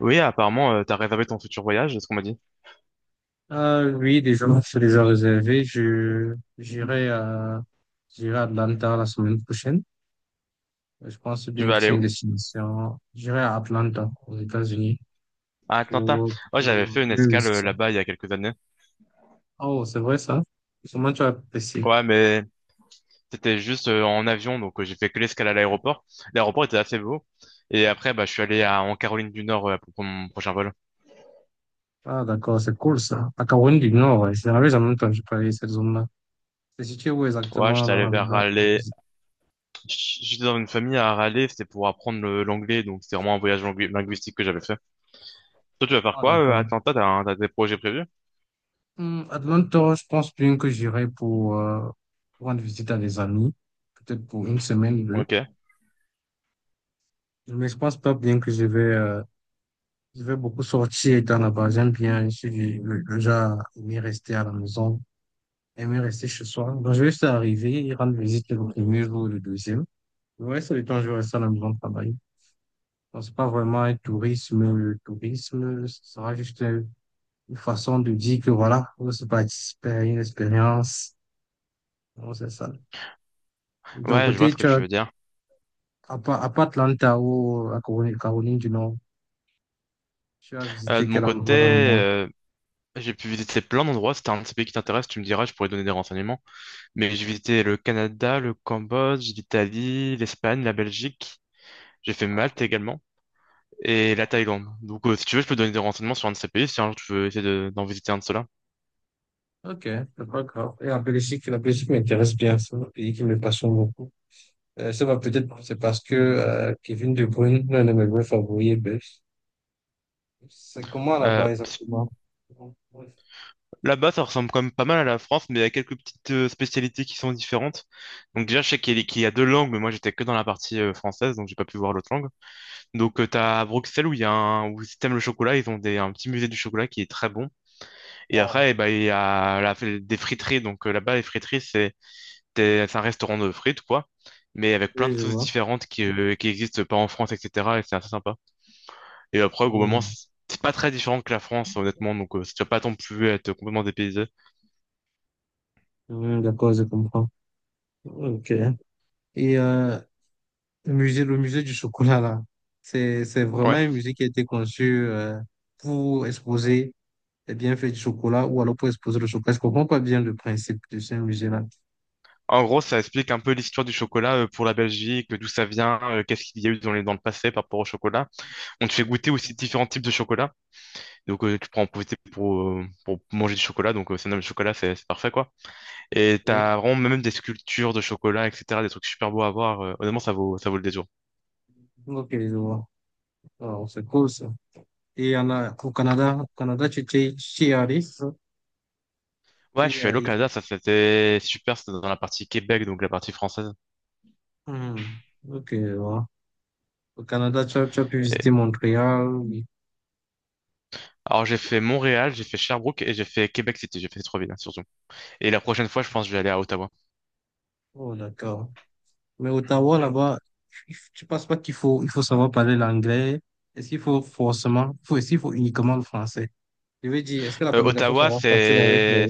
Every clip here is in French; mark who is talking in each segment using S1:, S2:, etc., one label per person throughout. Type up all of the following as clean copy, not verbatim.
S1: Oui, apparemment, t'as réservé ton futur voyage, c'est ce qu'on m'a dit.
S2: Ah oui, déjà, c'est déjà réservé. J'irai à Atlanta la semaine prochaine. Je pense
S1: Tu
S2: bien
S1: vas
S2: que
S1: aller
S2: c'est une
S1: où?
S2: destination. J'irai à Atlanta, aux États-Unis,
S1: À Atlanta.
S2: pour,
S1: Ouais, j'avais fait une
S2: oui, oui,
S1: escale
S2: c'est ça.
S1: là-bas il y a quelques années.
S2: Oh, c'est vrai, ça? Comment tu as apprécié?
S1: Ouais, mais c'était juste en avion, donc j'ai fait que l'escale à l'aéroport. L'aéroport était assez beau. Et après, bah, je suis allé à, en Caroline du Nord pour prendre mon prochain vol.
S2: Ah, d'accord, c'est cool, ça. À Caroline du Nord, ouais. C'est la en même temps que je parlais de cette zone-là. C'est situé où
S1: Ouais,
S2: exactement
S1: j'étais allé vers Raleigh. J'étais dans une famille à Raleigh, c'était pour apprendre l'anglais, donc c'était vraiment un voyage linguistique que j'avais fait. Toi, tu vas faire
S2: Ah,
S1: quoi à
S2: d'accord.
S1: Atlanta? T'as des projets prévus?
S2: Hmm, Atlanta, je pense bien que j'irai pour, rendre visite à des amis. Peut-être pour une semaine.
S1: Ok.
S2: Mais je pense pas bien que je vais beaucoup sortir étant là-bas. J'aime bien, je suis du- le genre à aimer rester à la maison, aimer rester chez soi. Donc, je vais juste arriver et rendre visite le premier jour ou le deuxième. Le reste du temps, je vais rester à la maison travailler. Donc, c'est pas vraiment un tourisme. Le tourisme, ce sera juste une façon de dire que voilà, on se participe à une expérience. Donc, c'est ça. De ton
S1: Ouais, je vois
S2: côté,
S1: ce que
S2: tu as,
S1: tu veux dire.
S2: à part Atlanta ou à Caroline, Caroline du Nord, tu as visité
S1: De mon
S2: quel
S1: côté,
S2: endroit dans le monde?
S1: j'ai pu visiter plein d'endroits. Si t'as un de ces pays qui t'intéresse, tu me diras, je pourrais donner des renseignements. Mais j'ai visité le Canada, le Cambodge, l'Italie, l'Espagne, la Belgique. J'ai fait Malte également. Et la Thaïlande. Donc, si tu veux, je peux donner des renseignements sur un de ces pays si un jour tu veux essayer d'en visiter un de ceux-là.
S2: Ok, c'est pas grave. Et la Belgique m'intéresse bien. C'est un pays qui me passionne beaucoup. Ça va peut-être, c'est parce que Kevin De Bruyne, l'un de mes vrais favoris, est belge. C'est comment là-bas
S1: Parce que
S2: exactement?
S1: là-bas, ça ressemble quand même pas mal à la France, mais il y a quelques petites spécialités qui sont différentes. Donc, déjà, je sais qu'il y a deux langues, mais moi, j'étais que dans la partie française, donc j'ai pas pu voir l'autre langue. Donc, t'as à Bruxelles où il y a où si t'aimes le chocolat, ils ont un petit musée du chocolat qui est très bon. Et
S2: Oh,
S1: après, eh ben, il y a des friteries. Donc là-bas, les friteries, c'est c'est un restaurant de frites, quoi. Mais avec plein
S2: oui,
S1: de
S2: je
S1: sauces
S2: vois.
S1: différentes qui existent pas en France, etc. Et c'est assez sympa. Et après, globalement,
S2: Hmm.
S1: c'est pas très différent que la France, honnêtement. Donc tu vas pas non plus être complètement dépaysé.
S2: Hmm, d'accord, je comprends. Ok. Et euh, le musée du chocolat, là, c'est vraiment
S1: Ouais.
S2: un musée qui a été conçu pour exposer les bienfaits du chocolat ou alors pour exposer le chocolat. Je comprends pas bien le principe de ce musée-là.
S1: En gros, ça explique un peu l'histoire du chocolat pour la Belgique, d'où ça vient, qu'est-ce qu'il y a eu dans dans le passé par rapport au chocolat. On te fait goûter aussi différents types de chocolat. Donc tu prends en profiter pour manger du chocolat. Donc ça nomme le chocolat, c'est parfait, quoi. Et
S2: Oui.
S1: t'as vraiment même des sculptures de chocolat, etc. Des trucs super beaux à voir. Honnêtement, ça vaut le détour.
S2: Ok, je vois. Alors, c'est cool ça. Et en, au Canada, tu t'es allé, c'est ça?
S1: Ouais, je
S2: T'es
S1: suis allé au
S2: allé.
S1: Canada, ça c'était super. C'était dans la partie Québec, donc la partie française.
S2: Hmm. Ok, je vois. Au Canada, tu as pu
S1: Et-
S2: visiter Montréal. Oui.
S1: Alors j'ai fait Montréal, j'ai fait Sherbrooke et j'ai fait Québec City. J'ai fait ces trois villes, hein, surtout. Et la prochaine fois, je pense que je vais aller à Ottawa.
S2: Oh, d'accord. Mais Ottawa, là-bas, il tu penses pas qu'il faut, il faut savoir parler l'anglais? Est-ce qu'il faut forcément, faut, est-ce qu'il faut uniquement le français? Je veux dire, est-ce que la
S1: Euh,
S2: communication
S1: Ottawa,
S2: sera facile avec
S1: c'est...
S2: les,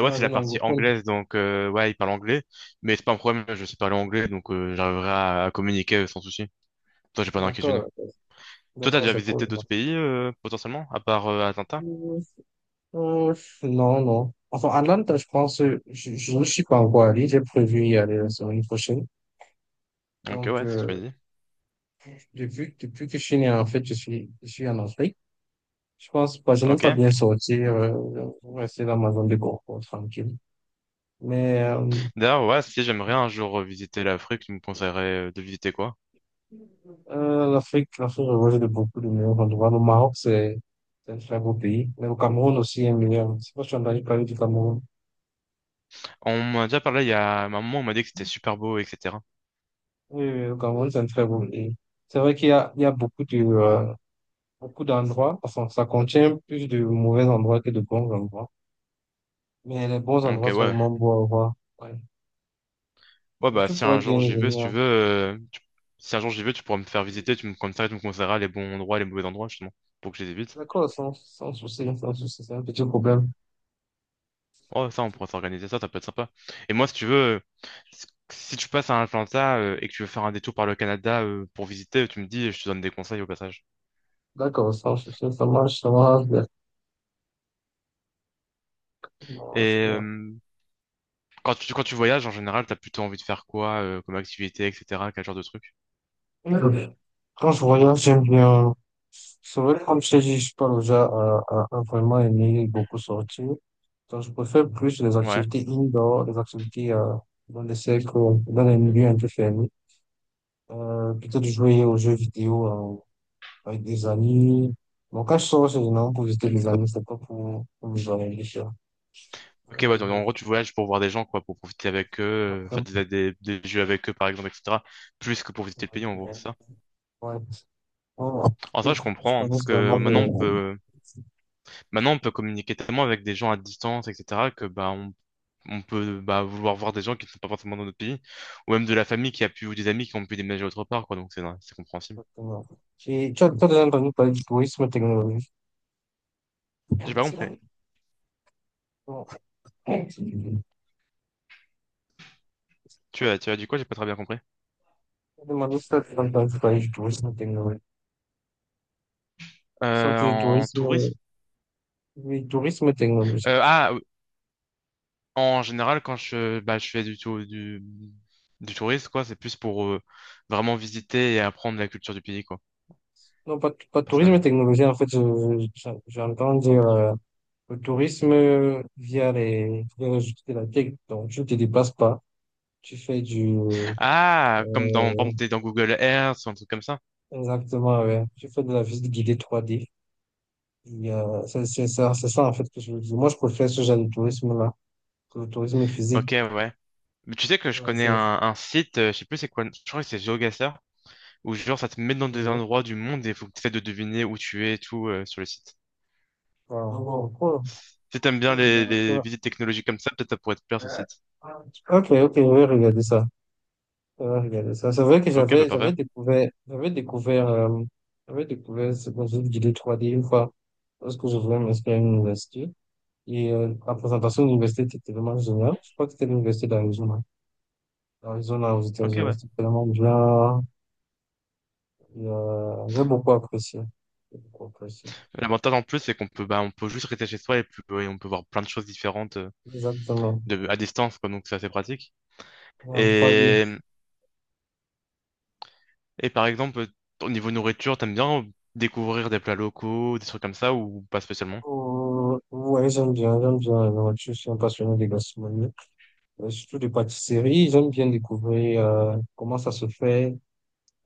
S2: dans la
S1: c'est la
S2: zone
S1: partie
S2: anglophone?
S1: anglaise, donc ouais, ils parlent anglais, mais c'est pas un problème, je sais parler anglais, donc j'arriverai à communiquer sans souci. Toi, j'ai pas d'inquiétude.
S2: D'accord,
S1: Toi, t'as
S2: d'accord,
S1: déjà
S2: c'est cool.
S1: visité d'autres pays, potentiellement, à part Atlanta?
S2: Euh, non, non. Enfin, à Atlanta, je pense, je ne suis pas encore allé. J'ai prévu y aller la semaine prochaine.
S1: Ok,
S2: Donc,
S1: ouais, c'est ce que je me dis.
S2: depuis que je suis né, en fait, je suis en Afrique. Je pense pas, je n'aime
S1: Ok.
S2: pas bien sortir, rester dans ma zone de confort, tranquille. Mais
S1: D'ailleurs, ouais, si j'aimerais un jour visiter l'Afrique, tu me conseillerais de visiter quoi?
S2: l'Afrique, l'Afrique regorge de beaucoup de meilleurs endroits. Le Maroc, c'est un très beau pays. Mais le Cameroun aussi est meilleur. Je sais pas si on a parler du Cameroun.
S1: On m'a déjà parlé il y a un moment, on m'a dit que c'était super beau, etc.
S2: Oui, oui, le Cameroun, c'est un très beau pays. C'est vrai qu'il y a, il y a beaucoup de, beaucoup d'endroits, enfin, ça contient plus de mauvais endroits que de bons endroits. Mais les bons
S1: Donc
S2: endroits sont vraiment beaux à voir. Ouais.
S1: ouais,
S2: Mais
S1: bah
S2: tu
S1: si
S2: pourrais
S1: un
S2: bien
S1: jour
S2: y
S1: j'y veux, si tu
S2: venir.
S1: veux, si un jour j'y veux, tu pourras me faire visiter, tu me comme ça, tu me conseilleras les bons endroits, les mauvais endroits justement, pour que je les évite.
S2: D'accord, sans, sans souci, sans souci, c'est un petit problème.
S1: Oh, ça, on pourrait s'organiser ça, ça peut être sympa. Et moi, si tu veux, si tu passes à Atlanta et que tu veux faire un détour par le Canada pour visiter, tu me dis et je te donne des conseils au passage.
S2: D'accord, sans souci, ça marche, ça marche bien. Ça marche
S1: Et
S2: bien.
S1: quand tu voyages, en général, t'as plutôt envie de faire quoi comme activité, etc. Quel genre de truc?
S2: Ouais. Quand je voyage, j'aime bien. C'est vrai, comme je t'ai dit, je suis pas déjà à vraiment aimer beaucoup sortir. Donc, je préfère plus les
S1: Ouais.
S2: activités indoor, les activités dans des cercles, dans les milieux un peu fermés. Plutôt de jouer aux jeux vidéo avec des amis. Bon, quand je sors, c'est généralement pour visiter les amis, c'est pas pour, pour me joindre à les gens.
S1: Ok, ouais, donc,
S2: Euh,
S1: en gros, tu voyages pour voir des gens, quoi, pour profiter avec eux, faire
S2: après,
S1: des jeux avec eux, par exemple, etc. Plus que pour visiter le pays, en gros,
S2: euh,
S1: c'est ça.
S2: Ouais. Bon,
S1: En ça, je
S2: je
S1: comprends, hein, parce
S2: pense
S1: que
S2: vraiment de...
S1: maintenant, on peut communiquer tellement avec des gens à distance, etc., que, bah, on peut bah, vouloir voir des gens qui ne sont pas forcément dans notre pays, ou même de la famille qui a pu, ou des amis qui ont pu déménager autre part, quoi, donc c'est compréhensible.
S2: Exactement. Tu as déjà entendu parler du tourisme technologique.
S1: J'ai pas compris.
S2: Bon. Je
S1: Tu as dit quoi? J'ai pas très bien compris.
S2: demande si tu as déjà entendu parler du tourisme technologique. Sorte de
S1: En
S2: tourisme,
S1: tourisme?
S2: oui, tourisme technologique.
S1: Oui. En général, je fais du tourisme, quoi, c'est plus pour vraiment visiter et apprendre la culture du pays, quoi,
S2: Non, pas tourisme
S1: personnellement.
S2: technologique, en fait, j'entends dire le tourisme via les outils de la tech, donc tu ne te déplaces pas. Tu fais du...
S1: Ah, comme dans, par
S2: euh,
S1: exemple, t'es dans Google Earth ou un truc comme ça.
S2: exactement, ouais. Tu fais de la visite guidée trois d. Et, c'est ça en fait que je veux dire. Moi, je préfère ce genre de tourisme-là que le tourisme physique.
S1: Ok, ouais. Mais tu sais que je
S2: Ouais,
S1: connais
S2: ça,
S1: un site, je sais plus c'est quoi, je crois que c'est GeoGuessr. Où genre ça te met dans des
S2: ouais.
S1: endroits du monde et faut que tu essaies de deviner où tu es et tout sur le site.
S2: Voilà. Bon, cool.
S1: Si t'aimes bien
S2: Ouais,
S1: les
S2: d'accord.
S1: visites technologiques comme ça, peut-être ça pourrait te plaire ce site.
S2: Ok, ok, je vais regarder ça. On va regarder ça. C'est vrai que
S1: Ok, bah parfait.
S2: j'avais découvert ce concept d'idée 3D une fois parce que je voulais m'inscrire à une université et la présentation de l'université était tellement géniale. Je crois que c'était l'université d'Arizona. Arizona aux
S1: Ok,
S2: États-Unis,
S1: ouais.
S2: c'était tellement bien. J'ai beaucoup apprécié. J'ai beaucoup apprécié.
S1: L'avantage en plus, c'est on peut juste rester chez soi et on peut voir plein de choses différentes
S2: Exactement.
S1: à distance, quoi, donc c'est assez pratique.
S2: En 3D.
S1: Et, et par exemple, au niveau nourriture, t'aimes bien découvrir des plats locaux, des trucs comme ça ou pas spécialement?
S2: Oh, ouais, j'aime bien, j'aime bien la nourriture. Je suis un passionné des gastronomies, surtout des pâtisseries. J'aime bien découvrir comment ça se fait.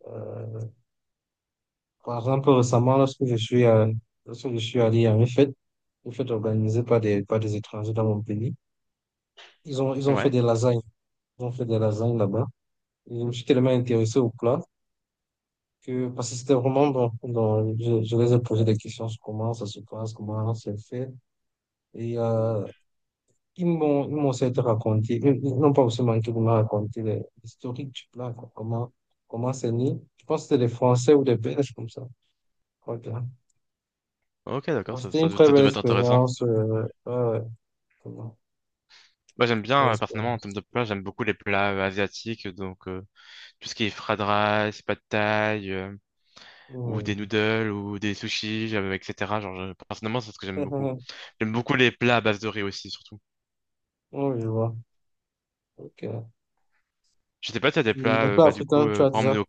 S2: euh, Par exemple, récemment, lorsque je suis allé à une fête organisée par des étrangers dans mon pays, ils ont fait
S1: Ouais.
S2: des lasagnes. Ils ont fait des lasagnes là-bas. Et je me suis tellement intéressé au plat que, parce que c'était vraiment bon. Donc, je les ai posé des questions sur comment ça se passe, comment c'est fait. Et ils m'ont certes raconté, ils n'ont pas aussi manqué de me raconter l'historique du plat, quoi. Comment, comment c'est né. Je pense que c'était des Français ou des Belges comme ça. Ok.
S1: Ok,
S2: Non,
S1: d'accord,
S2: c'était une très
S1: ça
S2: belle
S1: devait être intéressant.
S2: expérience. Ouais, vraiment,
S1: Moi,
S2: très
S1: j'aime
S2: belle
S1: bien, personnellement, en termes
S2: expérience.
S1: de plats, j'aime beaucoup les plats asiatiques. Donc tout ce qui est fried rice, pad thai, ou
S2: Oui.
S1: des noodles, ou des sushis, etc. Personnellement, c'est ce que j'aime beaucoup. J'aime beaucoup les plats à base de riz aussi, surtout.
S2: Oui, je vois. Ok. Et
S1: Je sais pas si t'as des
S2: les
S1: plats,
S2: plats africains, tu as
S1: par
S2: déjà.
S1: exemple,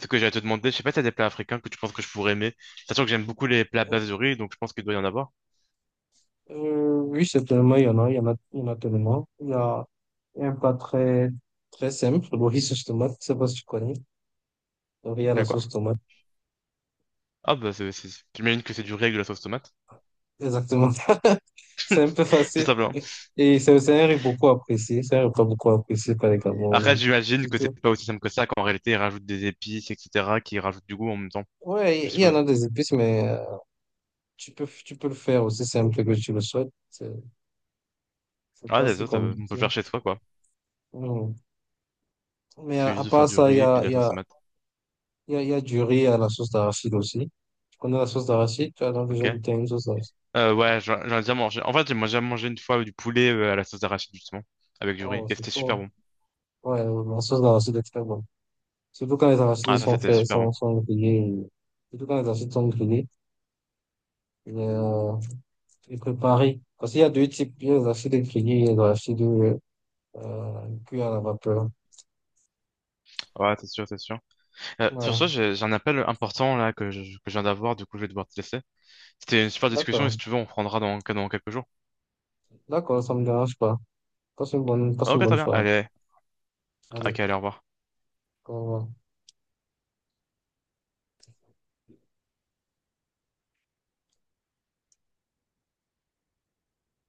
S1: ce que j'allais te demander, je sais pas si t'as des plats africains que tu penses que je pourrais aimer. Sachant que j'aime beaucoup les plats à base de riz, donc je pense qu'il doit y en avoir.
S2: Oui, c'est tellement, il y en a tellement. Il y a un plat très, très simple, le riz sauce tomate. Je sais pas si tu connais. Le riz à la
S1: Le quoi?
S2: sauce tomate.
S1: Ah, bah, j'imagine que c'est du riz avec de la sauce tomate,
S2: Exactement. C'est un peu
S1: tout
S2: facile.
S1: simplement.
S2: Et c'est un riz beaucoup apprécié. C'est un repas beaucoup apprécié par les
S1: Après,
S2: Camerounais.
S1: j'imagine
S2: C'est
S1: que c'est
S2: tout.
S1: pas aussi simple que ça, qu'en réalité, ils rajoutent des épices, etc., qui rajoutent du goût en même temps, je
S2: Ouais, il y en
S1: suppose.
S2: a des épices, mais. Tu peux le faire aussi simple que tu le souhaites. C'est
S1: Ah,
S2: pas si
S1: d'accord, on peut le
S2: compliqué.
S1: faire chez soi, quoi.
S2: Non. Mais
S1: Il faut
S2: à
S1: juste
S2: part
S1: faire du
S2: ça, il y
S1: riz et
S2: a,
S1: puis de
S2: il
S1: la
S2: y
S1: sauce
S2: a,
S1: tomate.
S2: il y a, il y a du riz à la sauce d'arachide aussi. Tu connais la sauce d'arachide? Tu as donc déjà
S1: Ok.
S2: goûté à une sauce d'arachide?
S1: Ouais, j'en ai déjà mangé. En fait, moi, j'ai déjà mangé une fois du poulet à la sauce d'arachide, justement, avec du riz.
S2: Oh,
S1: Et
S2: c'est
S1: c'était
S2: cool.
S1: super bon.
S2: Ouais, la sauce d'arachide est très bonne. Surtout quand les arachides
S1: Ah, ça,
S2: sont
S1: c'était
S2: faits,
S1: super bon.
S2: sont grillés. Surtout quand les arachides sont grillés et, euh, et préparés. Parce qu'il y a deux types. Il y a les arachides grillés et les arachides cuits à la vapeur.
S1: Ouais, c'est sûr, c'est sûr. Sur
S2: Ouais,
S1: ce, j'ai un appel important, là, que je viens d'avoir. Du coup, je vais devoir te laisser. C'était une super discussion et si
S2: d'accord.
S1: tu veux, on prendra dans quelques jours.
S2: D'accord, ça me dérange pas. Passe une
S1: Ok,
S2: bonne
S1: très bien.
S2: soirée.
S1: Allez,
S2: Allez,
S1: au revoir.
S2: au